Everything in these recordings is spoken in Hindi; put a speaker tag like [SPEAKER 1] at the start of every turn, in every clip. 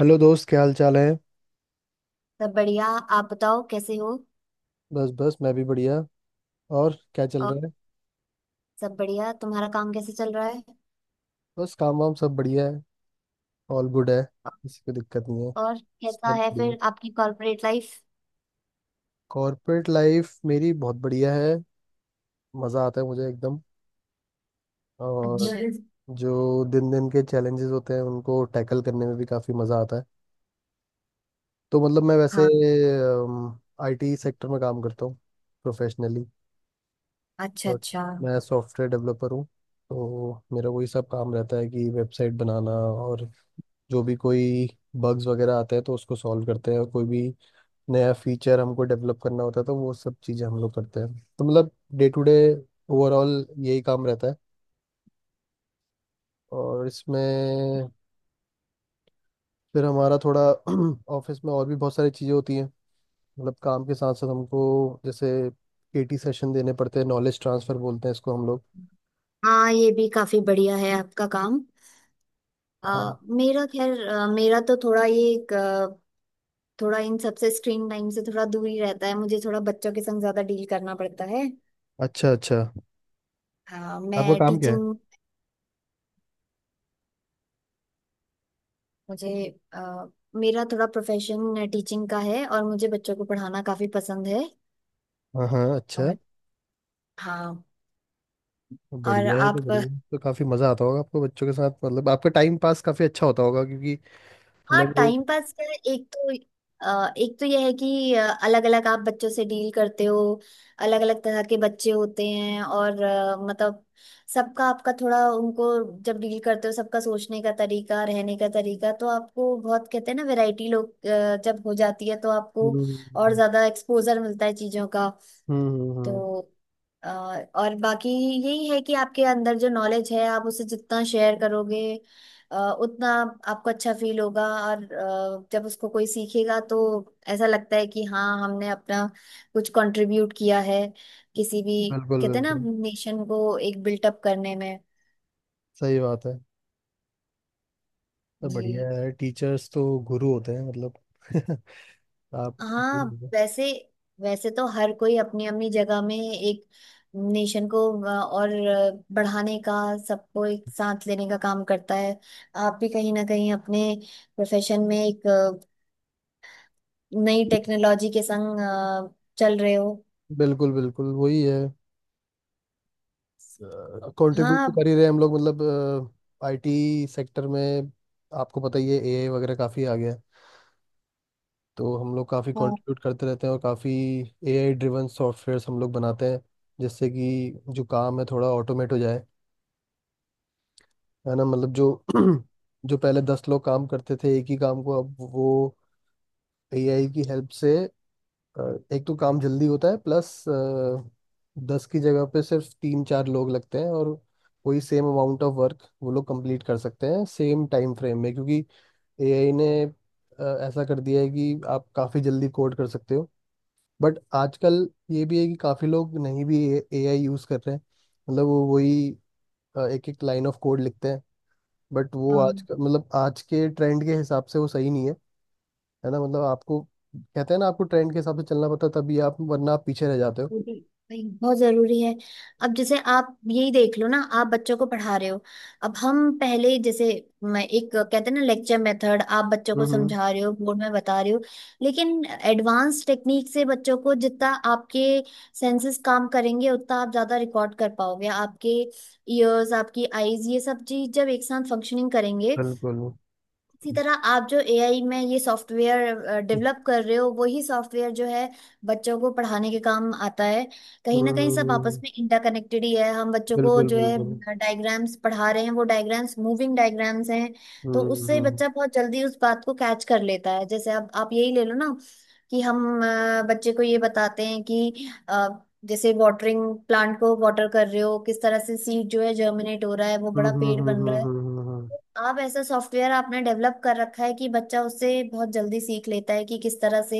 [SPEAKER 1] हेलो दोस्त, क्या हाल चाल है?
[SPEAKER 2] सब बढ़िया। आप बताओ कैसे हो।
[SPEAKER 1] बस बस, मैं भी बढ़िया। और क्या चल
[SPEAKER 2] और
[SPEAKER 1] रहा है?
[SPEAKER 2] सब बढ़िया। तुम्हारा काम कैसे चल रहा है।
[SPEAKER 1] बस, काम वाम सब बढ़िया है। ऑल गुड है। किसी को दिक्कत नहीं है।
[SPEAKER 2] और कैसा
[SPEAKER 1] सब
[SPEAKER 2] है
[SPEAKER 1] बढ़िया।
[SPEAKER 2] फिर आपकी कॉर्पोरेट लाइफ।
[SPEAKER 1] कॉर्पोरेट लाइफ मेरी बहुत बढ़िया है। मज़ा आता है मुझे एकदम। और,
[SPEAKER 2] अच्छा। Yes।
[SPEAKER 1] जो दिन दिन के चैलेंजेस होते हैं उनको टैकल करने में भी काफ़ी मज़ा आता है। तो मतलब मैं वैसे
[SPEAKER 2] हाँ।
[SPEAKER 1] आईटी सेक्टर में काम करता हूँ, प्रोफेशनली।
[SPEAKER 2] अच्छा
[SPEAKER 1] और
[SPEAKER 2] अच्छा।
[SPEAKER 1] मैं सॉफ्टवेयर डेवलपर हूँ। तो मेरा वही सब काम रहता है कि वेबसाइट बनाना, और जो भी कोई बग्स वगैरह आते हैं तो उसको सॉल्व करते हैं, और कोई भी नया फीचर हमको डेवलप करना होता है तो वो सब चीज़ें हम लोग करते हैं। तो मतलब डे टू डे, ओवरऑल यही काम रहता है। और इसमें फिर हमारा थोड़ा ऑफिस में और भी बहुत सारी चीज़ें होती हैं। मतलब काम के साथ साथ हमको, जैसे केटी सेशन देने पड़ते हैं, नॉलेज ट्रांसफर बोलते हैं इसको हम लोग।
[SPEAKER 2] हाँ, ये भी काफी बढ़िया है आपका काम।
[SPEAKER 1] हाँ।
[SPEAKER 2] मेरा खैर मेरा तो थोड़ा ये थोड़ा इन सबसे स्क्रीन टाइम से थोड़ा दूर ही रहता है। मुझे थोड़ा बच्चों के संग ज्यादा डील करना पड़ता है।
[SPEAKER 1] अच्छा अच्छा।
[SPEAKER 2] हाँ,
[SPEAKER 1] आपका
[SPEAKER 2] मैं
[SPEAKER 1] काम क्या है?
[SPEAKER 2] टीचिंग। मुझे अ, मेरा थोड़ा प्रोफेशन टीचिंग का है और मुझे बच्चों को पढ़ाना काफी पसंद है।
[SPEAKER 1] हाँ हाँ, अच्छा।
[SPEAKER 2] और हाँ। और आप।
[SPEAKER 1] बढ़िया है। तो काफी मजा आता होगा आपको बच्चों के साथ, मतलब आपका टाइम पास काफी अच्छा होता होगा क्योंकि
[SPEAKER 2] हाँ,
[SPEAKER 1] मतलब वो।
[SPEAKER 2] टाइम पास का। एक तो एक तो यह है कि अलग अलग आप बच्चों से डील करते हो। अलग अलग तरह के बच्चे होते हैं और मतलब सबका आपका थोड़ा उनको जब डील करते हो सबका सोचने का तरीका रहने का तरीका, तो आपको बहुत कहते हैं ना, वैरायटी लोग जब हो जाती है तो आपको
[SPEAKER 1] हम्म
[SPEAKER 2] और
[SPEAKER 1] हम्म
[SPEAKER 2] ज्यादा एक्सपोजर मिलता है चीजों का।
[SPEAKER 1] हम्म।
[SPEAKER 2] तो अ, और बाकी यही है कि आपके अंदर जो नॉलेज है आप उसे जितना शेयर करोगे उतना आपको अच्छा फील होगा, और जब उसको कोई सीखेगा तो ऐसा लगता है कि हाँ, हमने अपना कुछ कंट्रीब्यूट किया है किसी भी,
[SPEAKER 1] बिल्कुल
[SPEAKER 2] कहते हैं ना,
[SPEAKER 1] बिल्कुल
[SPEAKER 2] नेशन को एक बिल्टअप करने में।
[SPEAKER 1] सही बात है। तो बढ़िया
[SPEAKER 2] जी।
[SPEAKER 1] है, टीचर्स तो गुरु होते हैं मतलब आप
[SPEAKER 2] हाँ। वैसे वैसे तो हर कोई अपनी अपनी जगह में एक नेशन को और बढ़ाने का, सबको एक साथ लेने का काम करता है। आप भी कहीं ना कहीं अपने प्रोफेशन में एक नई टेक्नोलॉजी के संग चल रहे हो।
[SPEAKER 1] बिल्कुल बिल्कुल वही है। कंट्रीब्यूट तो
[SPEAKER 2] हाँ,
[SPEAKER 1] कर ही रहे हैं हम लोग, मतलब आईटी सेक्टर में। आपको पता ही है एआई वगैरह काफ़ी आ गया है। तो हम लोग काफ़ी
[SPEAKER 2] हाँ,
[SPEAKER 1] कंट्रीब्यूट करते रहते हैं, और काफ़ी एआई ड्रिवन सॉफ्टवेयर्स हम लोग बनाते हैं, जिससे कि जो काम है थोड़ा ऑटोमेट हो जाए। है ना, मतलब जो जो पहले 10 लोग काम करते थे एक ही काम को, अब वो एआई की हेल्प से, अ, एक तो काम जल्दी होता है, प्लस 10 की जगह पे सिर्फ 3 4 लोग लगते हैं, और वही सेम अमाउंट ऑफ वर्क वो लोग कंप्लीट कर सकते हैं सेम टाइम फ्रेम में, क्योंकि एआई ने ऐसा कर दिया है कि आप काफ़ी जल्दी कोड कर सकते हो। बट आजकल ये भी है कि काफ़ी लोग नहीं भी एआई यूज़ कर रहे हैं। मतलब वो वही एक एक लाइन ऑफ कोड लिखते हैं। बट वो
[SPEAKER 2] हाँ।
[SPEAKER 1] आज का मतलब आज के ट्रेंड के हिसाब से वो सही नहीं है। है ना, मतलब आपको, कहते हैं ना, आपको ट्रेंड के हिसाब से चलना पड़ता है, तभी आप वरना आप पीछे रह जाते हो।
[SPEAKER 2] वो भी भाई बहुत जरूरी है। अब जैसे आप यही देख लो ना, आप बच्चों को पढ़ा रहे हो। अब हम पहले जैसे, मैं एक, कहते हैं ना, लेक्चर मेथड आप बच्चों को
[SPEAKER 1] हम्म
[SPEAKER 2] समझा रहे हो, बोर्ड में बता रहे हो। लेकिन एडवांस टेक्निक से बच्चों को जितना आपके सेंसेस काम करेंगे उतना आप ज्यादा रिकॉर्ड कर पाओगे। आपके ईयर्स, आपकी आईज, ये सब चीज जब एक साथ फंक्शनिंग करेंगे।
[SPEAKER 1] बिल्कुल।
[SPEAKER 2] इसी तरह आप जो एआई में ये सॉफ्टवेयर डेवलप कर रहे हो वही सॉफ्टवेयर जो है बच्चों को पढ़ाने के काम आता है। कहीं
[SPEAKER 1] हम्म
[SPEAKER 2] ना कहीं सब आपस
[SPEAKER 1] हम्म,
[SPEAKER 2] में इंटरकनेक्टेड ही है। हम बच्चों को
[SPEAKER 1] बिल्कुल
[SPEAKER 2] जो
[SPEAKER 1] बिल्कुल।
[SPEAKER 2] है डायग्राम्स पढ़ा रहे हैं, वो डायग्राम्स मूविंग डायग्राम्स हैं। तो
[SPEAKER 1] हम्म
[SPEAKER 2] उससे
[SPEAKER 1] हम्म
[SPEAKER 2] बच्चा बहुत जल्दी उस बात को कैच कर लेता है। जैसे अब आप यही ले लो ना, कि हम बच्चे को ये बताते हैं कि जैसे वाटरिंग, प्लांट को वाटर कर रहे हो, किस तरह से सीड जो है जर्मिनेट हो रहा है, वो
[SPEAKER 1] हम्म
[SPEAKER 2] बड़ा
[SPEAKER 1] हम्म
[SPEAKER 2] पेड़
[SPEAKER 1] हम्म,
[SPEAKER 2] बन रहा
[SPEAKER 1] हम्म,
[SPEAKER 2] है।
[SPEAKER 1] हम्म, हम्म,
[SPEAKER 2] आप ऐसा सॉफ्टवेयर आपने डेवलप कर रखा है कि बच्चा उससे बहुत जल्दी सीख लेता है कि किस तरह से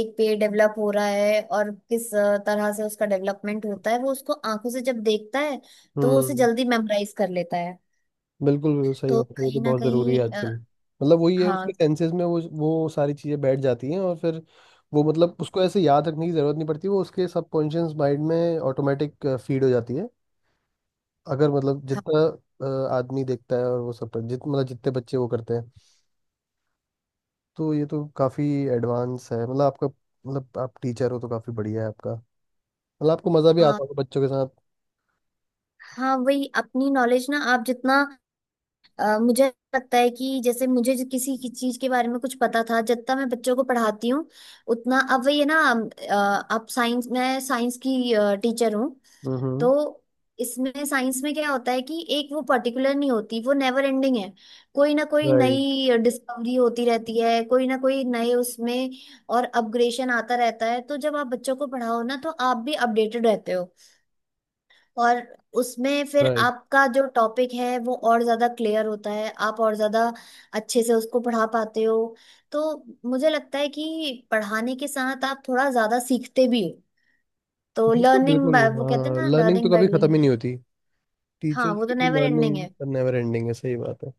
[SPEAKER 2] एक पेड़ डेवलप हो रहा है और किस तरह से उसका डेवलपमेंट होता है। वो उसको आंखों से जब देखता है तो वो उसे
[SPEAKER 1] हम्म।
[SPEAKER 2] जल्दी मेमोराइज कर लेता है।
[SPEAKER 1] बिल्कुल बिल्कुल सही
[SPEAKER 2] तो
[SPEAKER 1] बात है, ये तो
[SPEAKER 2] कहीं ना
[SPEAKER 1] बहुत ज़रूरी है
[SPEAKER 2] कहीं
[SPEAKER 1] आजकल। मतलब वही है, उसके
[SPEAKER 2] हाँ।
[SPEAKER 1] सेंसेस में वो सारी चीज़ें बैठ जाती हैं, और फिर वो, मतलब उसको ऐसे याद रखने की ज़रूरत नहीं पड़ती, वो उसके सबकॉन्शियस माइंड में ऑटोमेटिक फीड हो जाती है। अगर मतलब
[SPEAKER 2] हाँ,
[SPEAKER 1] जितना आदमी देखता है और वो सब जित मतलब जितने बच्चे वो करते हैं। तो ये तो काफ़ी एडवांस है, मतलब आपका, मतलब आप टीचर हो तो काफ़ी बढ़िया है आपका। मतलब आपको मज़ा भी
[SPEAKER 2] हाँ,
[SPEAKER 1] आता होगा बच्चों के साथ।
[SPEAKER 2] हाँ, वही अपनी नॉलेज ना आप जितना मुझे लगता है कि जैसे मुझे जो किसी की चीज के बारे में कुछ पता था, जितना मैं बच्चों को पढ़ाती हूँ उतना, अब वही है ना। आप साइंस मैं साइंस की टीचर हूँ।
[SPEAKER 1] हम्म।
[SPEAKER 2] तो इसमें साइंस में क्या होता है कि एक वो पर्टिकुलर नहीं होती, वो नेवर एंडिंग है। कोई ना कोई
[SPEAKER 1] राइट।
[SPEAKER 2] नई डिस्कवरी होती रहती है, कोई ना कोई नए उसमें और अपग्रेडेशन आता रहता है। तो जब आप बच्चों को पढ़ाओ ना, तो आप भी अपडेटेड रहते हो। और उसमें फिर
[SPEAKER 1] राइट।
[SPEAKER 2] आपका जो टॉपिक है वो और ज्यादा क्लियर होता है, आप और ज्यादा अच्छे से उसको पढ़ा पाते हो। तो मुझे लगता है कि पढ़ाने के साथ आप थोड़ा ज्यादा सीखते भी हो। तो
[SPEAKER 1] बिल्कुल
[SPEAKER 2] लर्निंग
[SPEAKER 1] बिल्कुल।
[SPEAKER 2] बाय, वो कहते हैं
[SPEAKER 1] हाँ
[SPEAKER 2] ना,
[SPEAKER 1] लर्निंग तो
[SPEAKER 2] लर्निंग बाय।
[SPEAKER 1] कभी ख़त्म ही नहीं होती,
[SPEAKER 2] हाँ,
[SPEAKER 1] टीचर्स
[SPEAKER 2] वो
[SPEAKER 1] की
[SPEAKER 2] तो
[SPEAKER 1] तो
[SPEAKER 2] नेवर एंडिंग है।
[SPEAKER 1] लर्निंग। नेवर एंडिंग है, सही बात है।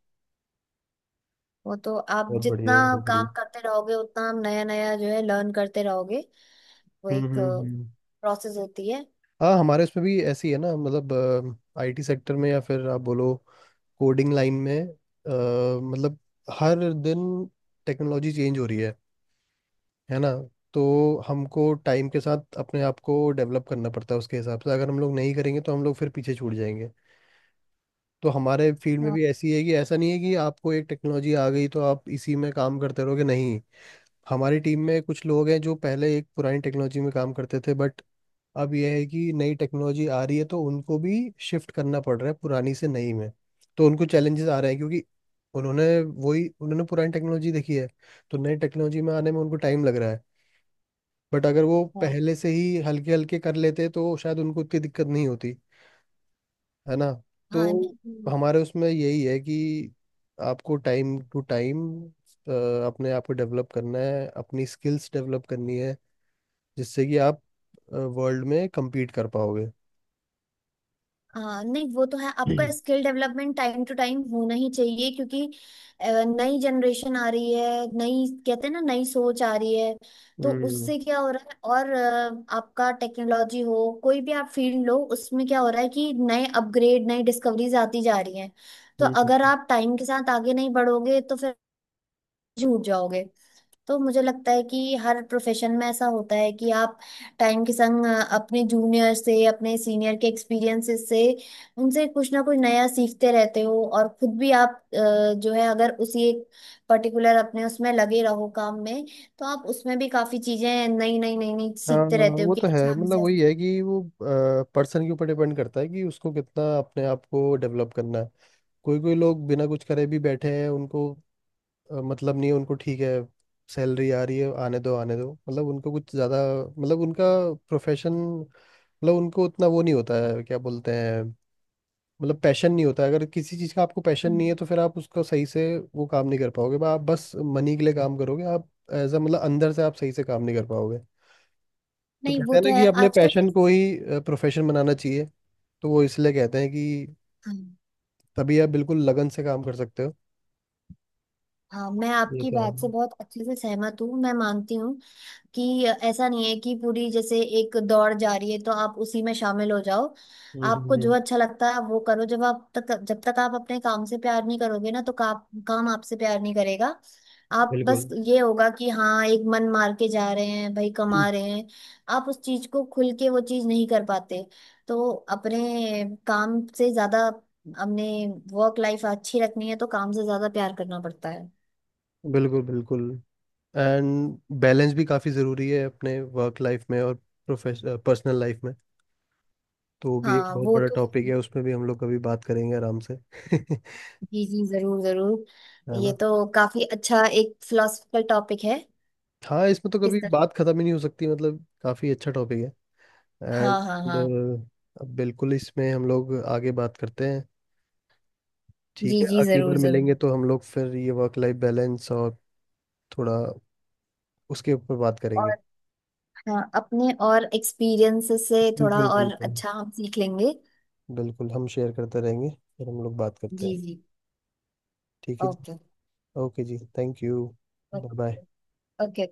[SPEAKER 2] वो तो आप
[SPEAKER 1] बहुत
[SPEAKER 2] जितना
[SPEAKER 1] बढ़िया, बहुत बढ़िया।
[SPEAKER 2] काम करते रहोगे उतना आप नया नया जो है लर्न करते रहोगे। वो
[SPEAKER 1] हम्म
[SPEAKER 2] एक
[SPEAKER 1] हम्म हम्म।
[SPEAKER 2] प्रोसेस होती है।
[SPEAKER 1] हाँ हमारे इसमें भी ऐसी है ना, मतलब आईटी सेक्टर में या फिर आप बोलो कोडिंग लाइन में, मतलब हर दिन टेक्नोलॉजी चेंज हो रही है ना? तो हमको टाइम के साथ अपने आप को डेवलप करना पड़ता है उसके हिसाब से, अगर हम लोग नहीं करेंगे तो हम लोग फिर पीछे छूट जाएंगे। तो हमारे फील्ड में
[SPEAKER 2] हाँ,
[SPEAKER 1] भी ऐसी है, कि ऐसा नहीं है कि आपको एक टेक्नोलॉजी आ गई तो आप इसी में काम करते रहोगे, नहीं। हमारी टीम में कुछ लोग हैं जो पहले एक पुरानी टेक्नोलॉजी में काम करते थे, बट अब यह है कि नई टेक्नोलॉजी आ रही है, तो उनको भी शिफ्ट करना पड़ रहा है पुरानी से नई में। तो उनको चैलेंजेस आ रहे हैं, क्योंकि उन्होंने, वही उन्होंने पुरानी टेक्नोलॉजी देखी है, तो नई टेक्नोलॉजी में आने में उनको टाइम लग रहा है। बट अगर वो
[SPEAKER 2] हाँ,
[SPEAKER 1] पहले से ही हल्के हल्के कर लेते तो शायद उनको इतनी दिक्कत नहीं होती, है ना? तो
[SPEAKER 2] हाँ, नहीं,
[SPEAKER 1] हमारे उसमें यही है, कि आपको टाइम टू टाइम अपने आप को डेवलप करना है, अपनी स्किल्स डेवलप करनी है, जिससे कि आप वर्ल्ड में compete कर पाओगे।
[SPEAKER 2] हाँ, नहीं, वो तो है। आपका skill development time to time होना ही चाहिए, क्योंकि नई जनरेशन आ रही है, नई, कहते हैं ना, नई सोच आ रही है। तो
[SPEAKER 1] हम्म
[SPEAKER 2] उससे क्या हो रहा है, और आपका टेक्नोलॉजी हो कोई भी आप फील्ड लो, उसमें क्या हो रहा है कि नए अपग्रेड, नई डिस्कवरीज आती जा रही हैं। तो अगर
[SPEAKER 1] हम्म।
[SPEAKER 2] आप टाइम के साथ आगे नहीं बढ़ोगे तो फिर झूठ जाओगे। तो मुझे लगता है कि हर प्रोफेशन में ऐसा होता है कि आप टाइम के संग अपने जूनियर से, अपने सीनियर के एक्सपीरियंसेस से, उनसे कुछ ना कुछ नया सीखते रहते हो। और खुद भी आप जो है, अगर उसी एक पर्टिकुलर अपने उसमें लगे रहो काम में, तो आप उसमें भी काफी चीजें नई नई नई नई
[SPEAKER 1] हाँ
[SPEAKER 2] सीखते रहते हो
[SPEAKER 1] वो
[SPEAKER 2] कि
[SPEAKER 1] तो
[SPEAKER 2] अच्छा
[SPEAKER 1] है,
[SPEAKER 2] हम
[SPEAKER 1] मतलब
[SPEAKER 2] इसे।
[SPEAKER 1] वही है कि वो पर्सन के ऊपर डिपेंड करता है कि उसको कितना अपने आप को डेवलप करना है। कोई कोई लोग बिना कुछ करे भी बैठे हैं, उनको मतलब नहीं है, उनको ठीक है, सैलरी आ रही है, आने दो आने दो, मतलब उनको कुछ ज़्यादा, मतलब उनका प्रोफेशन, मतलब उनको उतना वो नहीं होता है, क्या बोलते हैं, मतलब पैशन नहीं होता है। अगर किसी चीज़ का आपको पैशन
[SPEAKER 2] हम्म।
[SPEAKER 1] नहीं है तो फिर आप उसको सही से, वो काम नहीं कर पाओगे, आप बस मनी के लिए काम करोगे, आप एज अ, मतलब अंदर से आप सही से काम नहीं कर पाओगे। तो
[SPEAKER 2] नहीं,
[SPEAKER 1] कहते
[SPEAKER 2] वो
[SPEAKER 1] हैं
[SPEAKER 2] तो
[SPEAKER 1] ना
[SPEAKER 2] है
[SPEAKER 1] कि अपने
[SPEAKER 2] आजकल।
[SPEAKER 1] पैशन को ही प्रोफेशन बनाना चाहिए, तो वो इसलिए कहते हैं कि
[SPEAKER 2] हाँ,
[SPEAKER 1] तभी आप बिल्कुल लगन से काम कर सकते हो।
[SPEAKER 2] हाँ, मैं
[SPEAKER 1] ये
[SPEAKER 2] आपकी
[SPEAKER 1] तो है।
[SPEAKER 2] बात से बहुत अच्छे से सहमत हूँ। मैं मानती हूँ कि ऐसा नहीं है कि पूरी जैसे एक दौड़ जा रही है तो आप उसी में शामिल हो जाओ।
[SPEAKER 1] हम्म
[SPEAKER 2] आपको
[SPEAKER 1] हम्म,
[SPEAKER 2] जो
[SPEAKER 1] हम्म,
[SPEAKER 2] अच्छा लगता है आप वो करो। जब आप तक, जब तक आप अपने काम से प्यार नहीं करोगे ना तो काम आपसे प्यार नहीं करेगा। आप, बस
[SPEAKER 1] बिल्कुल
[SPEAKER 2] ये होगा कि हाँ, एक मन मार के जा रहे हैं भाई, कमा रहे हैं। आप उस चीज को खुल के वो चीज नहीं कर पाते। तो अपने काम से ज्यादा, अपने वर्क लाइफ अच्छी रखनी है तो काम से ज्यादा प्यार करना पड़ता है।
[SPEAKER 1] बिल्कुल बिल्कुल। एंड बैलेंस भी काफ़ी ज़रूरी है, अपने वर्क लाइफ में और प्रोफेश पर्सनल लाइफ में। तो वो भी एक
[SPEAKER 2] हाँ,
[SPEAKER 1] बहुत
[SPEAKER 2] वो
[SPEAKER 1] बड़ा
[SPEAKER 2] तो
[SPEAKER 1] टॉपिक है,
[SPEAKER 2] है।
[SPEAKER 1] उसमें भी हम लोग कभी बात करेंगे आराम से
[SPEAKER 2] जी जी, जरूर जरूर।
[SPEAKER 1] है
[SPEAKER 2] ये
[SPEAKER 1] ना?
[SPEAKER 2] तो काफी अच्छा एक फिलोसफिकल टॉपिक है।
[SPEAKER 1] हाँ इसमें तो
[SPEAKER 2] किस
[SPEAKER 1] कभी
[SPEAKER 2] तरह।
[SPEAKER 1] बात खत्म ही नहीं हो सकती, मतलब काफी अच्छा टॉपिक है। एंड
[SPEAKER 2] हाँ, हाँ, हाँ।
[SPEAKER 1] अब बिल्कुल इसमें हम लोग आगे बात करते हैं।
[SPEAKER 2] जी
[SPEAKER 1] ठीक है,
[SPEAKER 2] जी,
[SPEAKER 1] अगली
[SPEAKER 2] जरूर
[SPEAKER 1] बार
[SPEAKER 2] जरूर।
[SPEAKER 1] मिलेंगे तो हम लोग फिर ये वर्क लाइफ बैलेंस और थोड़ा उसके ऊपर बात
[SPEAKER 2] और
[SPEAKER 1] करेंगे।
[SPEAKER 2] हाँ, अपने और एक्सपीरियंस से थोड़ा
[SPEAKER 1] बिल्कुल
[SPEAKER 2] और
[SPEAKER 1] बिल्कुल।
[SPEAKER 2] अच्छा हम सीख लेंगे।
[SPEAKER 1] बिल्कुल हम शेयर करते रहेंगे। फिर हम लोग बात करते हैं।
[SPEAKER 2] जी जी।
[SPEAKER 1] ठीक है जी।
[SPEAKER 2] ओके।
[SPEAKER 1] ओके जी, thank you.
[SPEAKER 2] Okay.
[SPEAKER 1] Bye bye.
[SPEAKER 2] Okay.